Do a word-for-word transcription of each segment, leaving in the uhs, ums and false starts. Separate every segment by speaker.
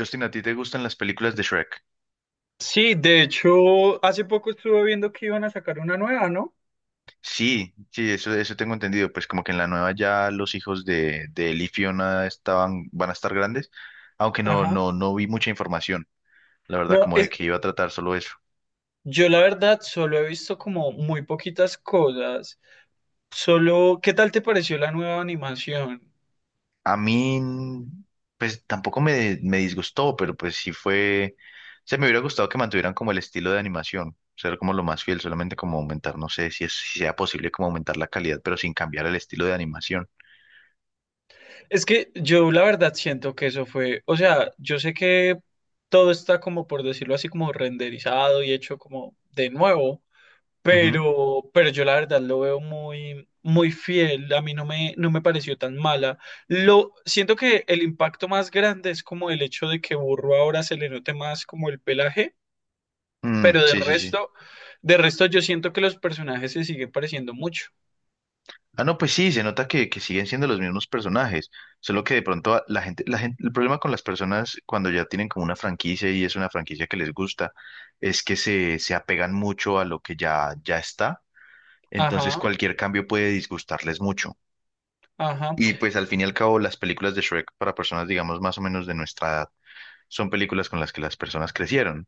Speaker 1: Justin, ¿a ti te gustan las películas de Shrek?
Speaker 2: Sí, de hecho, hace poco estuve viendo que iban a sacar una nueva, ¿no?
Speaker 1: Sí, sí, eso, eso tengo entendido. Pues como que en la nueva ya los hijos de, de Él y Fiona estaban, van a estar grandes, aunque no,
Speaker 2: Ajá.
Speaker 1: no, no vi mucha información, la verdad,
Speaker 2: No,
Speaker 1: como de
Speaker 2: es,
Speaker 1: que iba a tratar solo eso.
Speaker 2: yo la verdad solo he visto como muy poquitas cosas. Solo, ¿qué tal te pareció la nueva animación?
Speaker 1: A mí, pues tampoco me, me disgustó, pero pues sí fue, se me hubiera gustado que mantuvieran como el estilo de animación, ser como lo más fiel, solamente como aumentar, no sé si, es, si sea posible como aumentar la calidad, pero sin cambiar el estilo de animación.
Speaker 2: Es que yo la verdad siento que eso fue, o sea, yo sé que todo está como por decirlo así como renderizado y hecho como de nuevo.
Speaker 1: Ujú.
Speaker 2: Pero, pero yo la verdad lo veo muy, muy fiel. A mí no me, no me pareció tan mala. Lo, siento que el impacto más grande es como el hecho de que Burro ahora se le note más como el pelaje,
Speaker 1: Mm,
Speaker 2: pero de
Speaker 1: sí, sí, sí.
Speaker 2: resto, de resto yo siento que los personajes se siguen pareciendo mucho.
Speaker 1: Ah, no, pues sí, se nota que, que siguen siendo los mismos personajes, solo que de pronto a- la gente, la gente, el problema con las personas cuando ya tienen como una franquicia y es una franquicia que les gusta, es que se, se apegan mucho a lo que ya, ya está, entonces
Speaker 2: Ajá,
Speaker 1: cualquier cambio puede disgustarles mucho.
Speaker 2: ajá.
Speaker 1: Y pues al fin y al cabo las películas de Shrek para personas, digamos, más o menos de nuestra edad, son películas con las que las personas crecieron.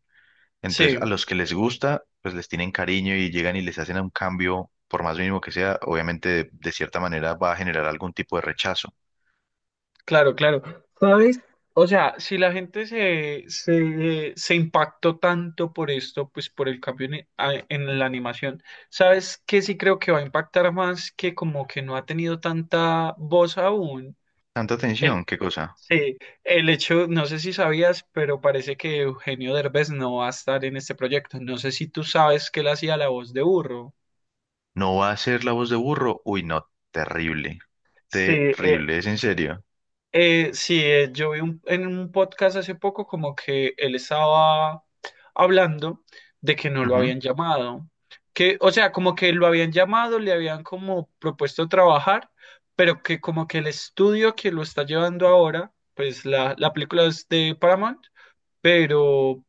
Speaker 1: Entonces, a
Speaker 2: Sí.
Speaker 1: los que les gusta, pues les tienen cariño y llegan y les hacen un cambio, por más mínimo que sea, obviamente de, de cierta manera va a generar algún tipo de rechazo.
Speaker 2: Claro, claro. ¿Sabes? O sea, si la gente se, se, se impactó tanto por esto, pues por el cambio en, a- en la animación, ¿sabes qué sí creo que va a impactar más que como que no ha tenido tanta voz aún?
Speaker 1: Tanta
Speaker 2: El,
Speaker 1: atención, ¿qué cosa?
Speaker 2: sí, el hecho, no sé si sabías, pero parece que Eugenio Derbez no va a estar en este proyecto. No sé si tú sabes que él hacía la voz de burro.
Speaker 1: ¿No va a ser la voz de burro? Uy, no, terrible,
Speaker 2: Sí, eh,
Speaker 1: terrible, es en serio.
Speaker 2: Eh, sí, eh, yo vi un- en un podcast hace poco como que él estaba hablando de que no lo
Speaker 1: Ujú.
Speaker 2: habían llamado, que, o sea, como que lo habían llamado, le habían como propuesto trabajar, pero que como que el estudio que lo está llevando ahora, pues la, la película es de Paramount, pero,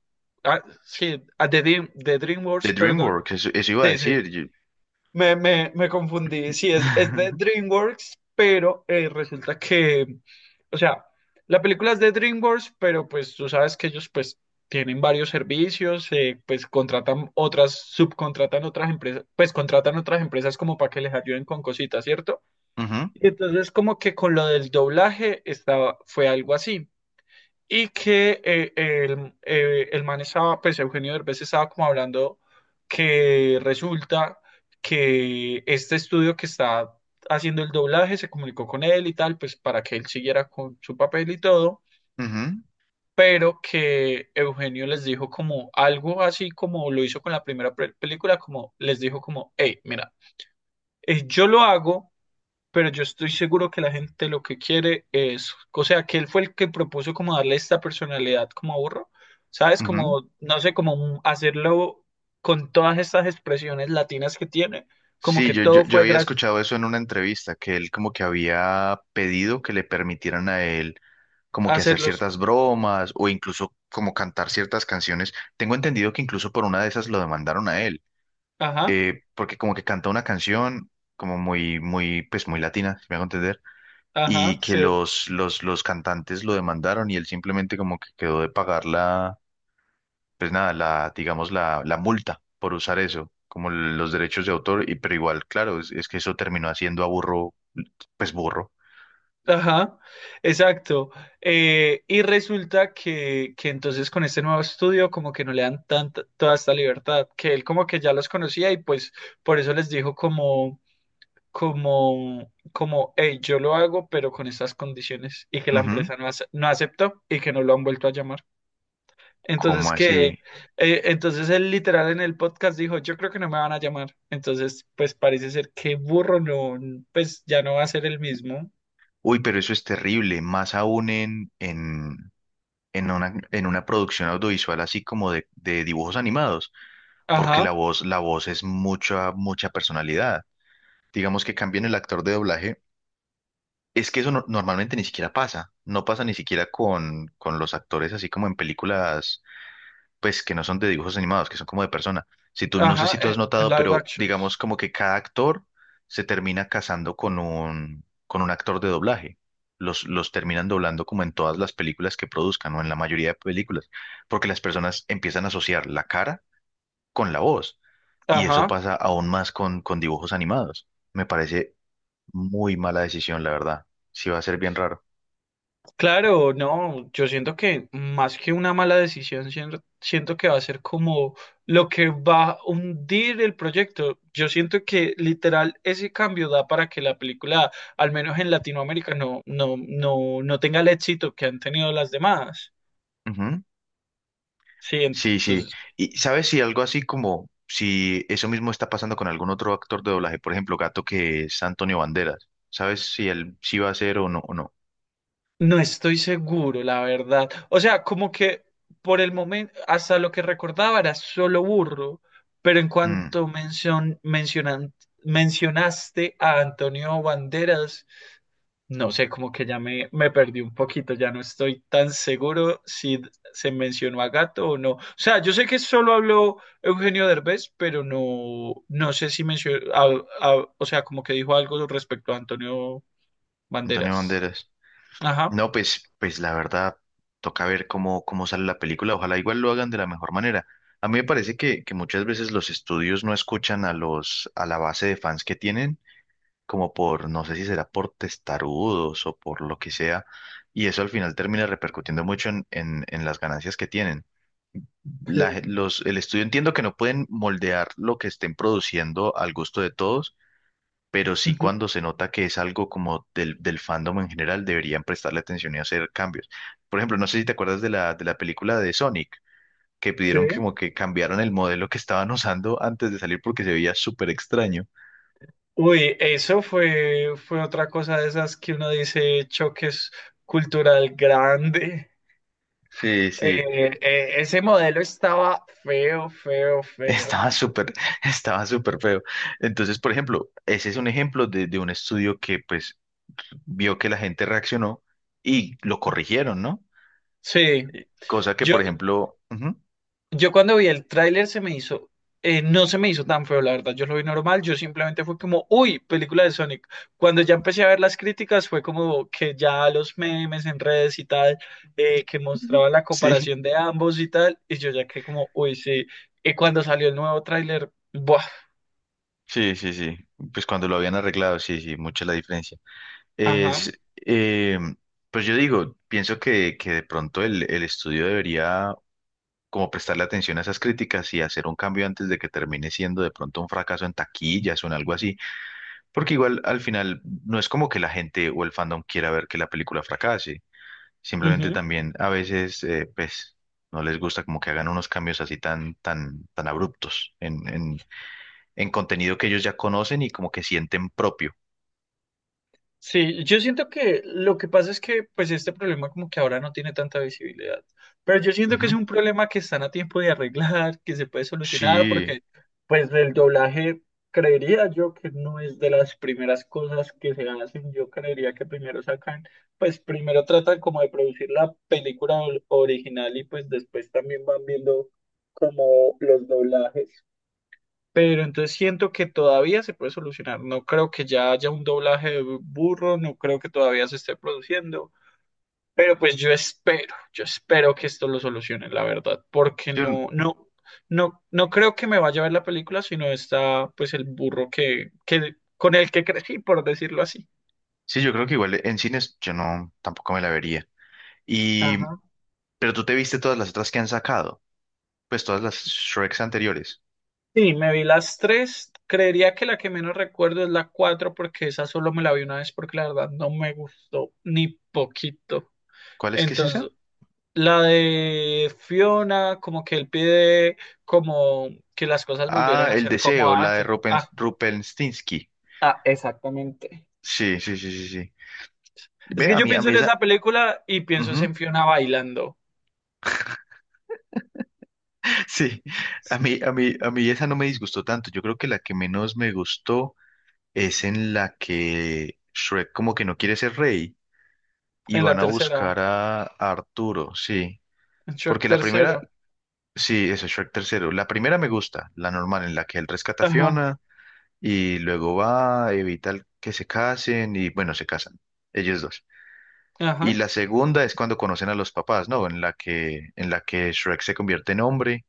Speaker 2: ah, sí, ah, de, Dream- de
Speaker 1: De
Speaker 2: DreamWorks, perdón,
Speaker 1: DreamWorks, eso, eso iba a
Speaker 2: sí, sí,
Speaker 1: decir. yo-
Speaker 2: me, me, me confundí. Sí, es, es de DreamWorks, pero eh, resulta que, o sea, la película es de DreamWorks, pero pues tú sabes que ellos pues tienen varios servicios, eh, pues contratan otras, subcontratan otras empresas, pues contratan otras empresas como para que les ayuden con cositas, ¿cierto?
Speaker 1: Ujú,
Speaker 2: Y entonces como que con lo del doblaje estaba, fue algo así y que eh, el, eh, el man estaba, pues Eugenio Derbez estaba como hablando que resulta que este estudio que está haciendo el doblaje se comunicó con él y tal, pues para que él siguiera con su papel y todo,
Speaker 1: ujú,
Speaker 2: pero que Eugenio les dijo como algo así como lo hizo con la primera pe- película, como les dijo como, hey, mira, eh, yo lo hago, pero yo estoy seguro que la gente lo que quiere es, o sea, que él fue el que propuso como darle esta personalidad como a Burro, ¿sabes?
Speaker 1: ujú.
Speaker 2: Como, no sé, como un- hacerlo con todas estas expresiones latinas que tiene, como
Speaker 1: Sí,
Speaker 2: que
Speaker 1: yo, yo,
Speaker 2: todo
Speaker 1: yo
Speaker 2: fue
Speaker 1: había
Speaker 2: gracias
Speaker 1: escuchado eso en una entrevista, que él como que había pedido que le permitieran a él como
Speaker 2: a
Speaker 1: que hacer
Speaker 2: hacerlos,
Speaker 1: ciertas bromas o incluso como cantar ciertas canciones. Tengo entendido que incluso por una de esas lo demandaron a él,
Speaker 2: ajá,
Speaker 1: eh, porque como que canta una canción como muy, muy, pues muy latina, si me hago entender,
Speaker 2: ajá,
Speaker 1: y que
Speaker 2: ser,
Speaker 1: los, los, los cantantes lo demandaron y él simplemente como que quedó de pagar la, pues nada, la, digamos, la, la multa por usar eso, como los derechos de autor, y, pero igual, claro, es, es que eso terminó haciendo a burro, pues burro.
Speaker 2: ajá, exacto. Eh, y resulta que, que entonces con este nuevo estudio como que no le dan tanta, toda esta libertad, que él como que ya los conocía y pues por eso les dijo como... como, como, hey, yo lo hago, pero con estas condiciones y que la
Speaker 1: Ujú.
Speaker 2: empresa no, ace- no aceptó y que no lo han vuelto a llamar.
Speaker 1: ¿Cómo
Speaker 2: Entonces, que,
Speaker 1: así?
Speaker 2: eh, entonces él literal en el podcast dijo, yo creo que no me van a llamar. Entonces, pues parece ser que burro no, pues ya no va a ser el mismo.
Speaker 1: Uy, pero eso es terrible, más aún en, en, en una, en una producción audiovisual así como de, de dibujos animados, porque la
Speaker 2: Ajá,
Speaker 1: voz, la voz es mucha, mucha personalidad. Digamos que cambien el actor de doblaje, es que eso no- normalmente ni siquiera pasa, no pasa ni siquiera con, con los actores así como en películas pues que no son de dibujos animados, que son como de persona. Si tú, no sé
Speaker 2: ajá,
Speaker 1: si tú has
Speaker 2: eh,
Speaker 1: notado,
Speaker 2: live
Speaker 1: pero digamos
Speaker 2: actions.
Speaker 1: como que cada actor se termina casando con un, con un actor de doblaje. Los, los terminan doblando como en todas las películas que produzcan o en la mayoría de películas, porque las personas empiezan a asociar la cara con la voz. Y eso
Speaker 2: Ajá.
Speaker 1: pasa aún más con, con dibujos animados. Me parece muy mala decisión, la verdad. Sí va a ser bien raro.
Speaker 2: Claro, no, yo siento que más que una mala decisión, sien- siento que va a ser como lo que va a hundir el proyecto. Yo siento que literal ese cambio da para que la película, al menos en Latinoamérica, no, no, no, no tenga el éxito que han tenido las demás. Sí,
Speaker 1: Sí, sí.
Speaker 2: entonces
Speaker 1: Y sabes si algo así como si eso mismo está pasando con algún otro actor de doblaje, por ejemplo, Gato que es Antonio Banderas. ¿Sabes si él sí va a ser o no o no?
Speaker 2: no estoy seguro, la verdad. O sea, como que por el momento, hasta lo que recordaba era solo burro, pero en
Speaker 1: Mm,
Speaker 2: cuanto mencion- mencionan- mencionaste a Antonio Banderas, no sé, como que ya me, me perdí un poquito, ya no estoy tan seguro si se mencionó a Gato o no. O sea, yo sé que solo habló Eugenio Derbez, pero no, no sé si mencionó, a- a- o sea, como que dijo algo respecto a Antonio
Speaker 1: Antonio
Speaker 2: Banderas.
Speaker 1: Banderas.
Speaker 2: Ajá.
Speaker 1: No, pues, pues la verdad, toca ver cómo, cómo sale la película. Ojalá igual lo hagan de la mejor manera. A mí me parece que, que muchas veces los estudios no escuchan a los, a la base de fans que tienen, como por, no sé si será por testarudos o por lo que sea, y eso al final termina repercutiendo mucho en en- en las ganancias que tienen.
Speaker 2: Sí.
Speaker 1: la gen- los, el estudio entiendo que no pueden moldear lo que estén produciendo al gusto de todos, pero sí
Speaker 2: Ujú.
Speaker 1: cuando se nota que es algo como del, del fandom en general, deberían prestarle atención y hacer cambios. Por ejemplo, no sé si te acuerdas de la, de la película de Sonic, que
Speaker 2: Sí.
Speaker 1: pidieron que como que cambiaron el modelo que estaban usando antes de salir porque se veía súper extraño.
Speaker 2: Uy, eso fue, fue otra cosa de esas que uno dice choques cultural grande.
Speaker 1: Sí, sí.
Speaker 2: Eh, eh, ese modelo estaba feo, feo, feo.
Speaker 1: Estaba súper, estaba súper feo. Entonces, por ejemplo, ese es un ejemplo de, de un estudio que pues vio que la gente reaccionó y lo corrigieron, ¿no?
Speaker 2: Sí,
Speaker 1: Cosa que,
Speaker 2: yo,
Speaker 1: por ejemplo, ujú,
Speaker 2: Yo cuando vi el tráiler se me hizo, eh, no se me hizo tan feo, la verdad, yo lo vi normal, yo simplemente fue como, uy, película de Sonic. Cuando ya empecé a ver las críticas fue como que ya los memes en redes y tal, eh, que
Speaker 1: ujú,
Speaker 2: mostraban la
Speaker 1: sí,
Speaker 2: comparación de ambos y tal, y yo ya que como, uy, sí. Y cuando salió el nuevo tráiler, buah,
Speaker 1: sí, sí, sí, pues cuando lo habían arreglado, sí, sí, mucha la diferencia. Es,
Speaker 2: ajá,
Speaker 1: eh, pues yo digo, pienso que, que de pronto el, el estudio debería como prestarle atención a esas críticas y hacer un cambio antes de que termine siendo de pronto un fracaso en taquillas o en algo así, porque igual al final no es como que la gente o el fandom quiera ver que la película fracase. Simplemente
Speaker 2: ujú.
Speaker 1: también a veces, eh, pues, no les gusta como que hagan unos cambios así tan, tan, tan abruptos en, en, en contenido que ellos ya conocen y como que sienten propio.
Speaker 2: Sí, yo siento que lo que pasa es que pues este problema como que ahora no tiene tanta visibilidad, pero yo siento que es
Speaker 1: Ujú.
Speaker 2: un problema que están a tiempo de arreglar, que se puede solucionar,
Speaker 1: Sí,
Speaker 2: porque pues el doblaje creería yo que no es de las primeras cosas que se hacen, yo creería que primero sacan, pues primero tratan como de producir la película or- original y pues después también van viendo como los doblajes. Pero entonces siento que todavía se puede solucionar. No creo que ya haya un doblaje de burro, no creo que todavía se esté produciendo. Pero pues yo espero, yo espero que esto lo solucione, la verdad, porque
Speaker 1: sí,
Speaker 2: no,
Speaker 1: un-
Speaker 2: no, no, no creo que me vaya a ver la película, sino está pues el burro que, que con el que crecí, por decirlo así.
Speaker 1: sí, yo creo que igual en cines yo no, tampoco me la vería. Y,
Speaker 2: Ajá.
Speaker 1: pero tú te viste todas las otras que han sacado, pues todas las Shreks anteriores.
Speaker 2: Sí, me vi las tres. Creería que la que menos recuerdo es la cuatro, porque esa solo me la vi una vez, porque la verdad no me gustó ni poquito.
Speaker 1: ¿Cuál es que es esa?
Speaker 2: Entonces, la de Fiona, como que él pide como que las cosas volvieran
Speaker 1: Ah,
Speaker 2: a
Speaker 1: El
Speaker 2: ser como
Speaker 1: Deseo, la de
Speaker 2: antes.
Speaker 1: Rupen,
Speaker 2: Ah,
Speaker 1: Rupenstinsky. Sí, sí, sí, sí, sí.
Speaker 2: es
Speaker 1: Ve,
Speaker 2: que
Speaker 1: a
Speaker 2: yo
Speaker 1: mí, a
Speaker 2: pienso
Speaker 1: mí
Speaker 2: en
Speaker 1: esa.
Speaker 2: esa película y pienso es
Speaker 1: Ujú.
Speaker 2: en Fiona bailando
Speaker 1: Sí, a mí, a mí, a mí esa no me disgustó tanto. Yo creo que la que menos me gustó es en la que Shrek como que no quiere ser rey y
Speaker 2: en la
Speaker 1: van a
Speaker 2: tercera,
Speaker 1: buscar a, a Arturo, sí.
Speaker 2: en Shrek
Speaker 1: Porque la primera,
Speaker 2: tercero.
Speaker 1: sí, eso, Shrek tercero. La primera me gusta, la normal, en la que él rescata a
Speaker 2: Ajá,
Speaker 1: Fiona y luego va, evita el- que se casen y bueno, se casan, ellos dos. Y
Speaker 2: ajá,
Speaker 1: la segunda es cuando conocen a los papás, ¿no? En la que, en la que Shrek se convierte en hombre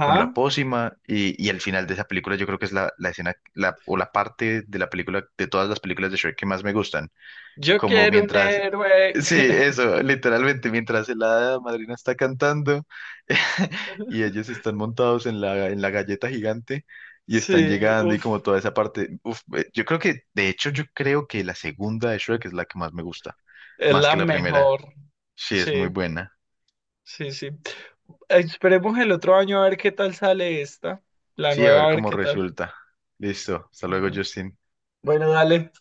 Speaker 1: con la pócima y, y el final de esa película yo creo que es la, la escena la, o la parte de la película, de todas las películas de Shrek que más me gustan.
Speaker 2: Yo
Speaker 1: Como
Speaker 2: quiero un
Speaker 1: mientras,
Speaker 2: héroe.
Speaker 1: sí, eso, literalmente, mientras la hada madrina está cantando y ellos están montados en la, en la galleta gigante y
Speaker 2: Sí,
Speaker 1: están llegando y
Speaker 2: uff,
Speaker 1: como toda esa parte, uf, eh, yo creo que, de hecho, yo creo que la segunda de Shrek es la que más me gusta,
Speaker 2: es
Speaker 1: más
Speaker 2: la
Speaker 1: que la primera.
Speaker 2: mejor.
Speaker 1: Sí, es
Speaker 2: Sí,
Speaker 1: muy buena.
Speaker 2: sí, sí. Esperemos el otro año a ver qué tal sale esta, la
Speaker 1: Sí, a
Speaker 2: nueva
Speaker 1: ver
Speaker 2: a ver
Speaker 1: cómo
Speaker 2: qué tal.
Speaker 1: resulta. Listo, hasta luego,
Speaker 2: Bueno,
Speaker 1: Justin.
Speaker 2: bueno, dale.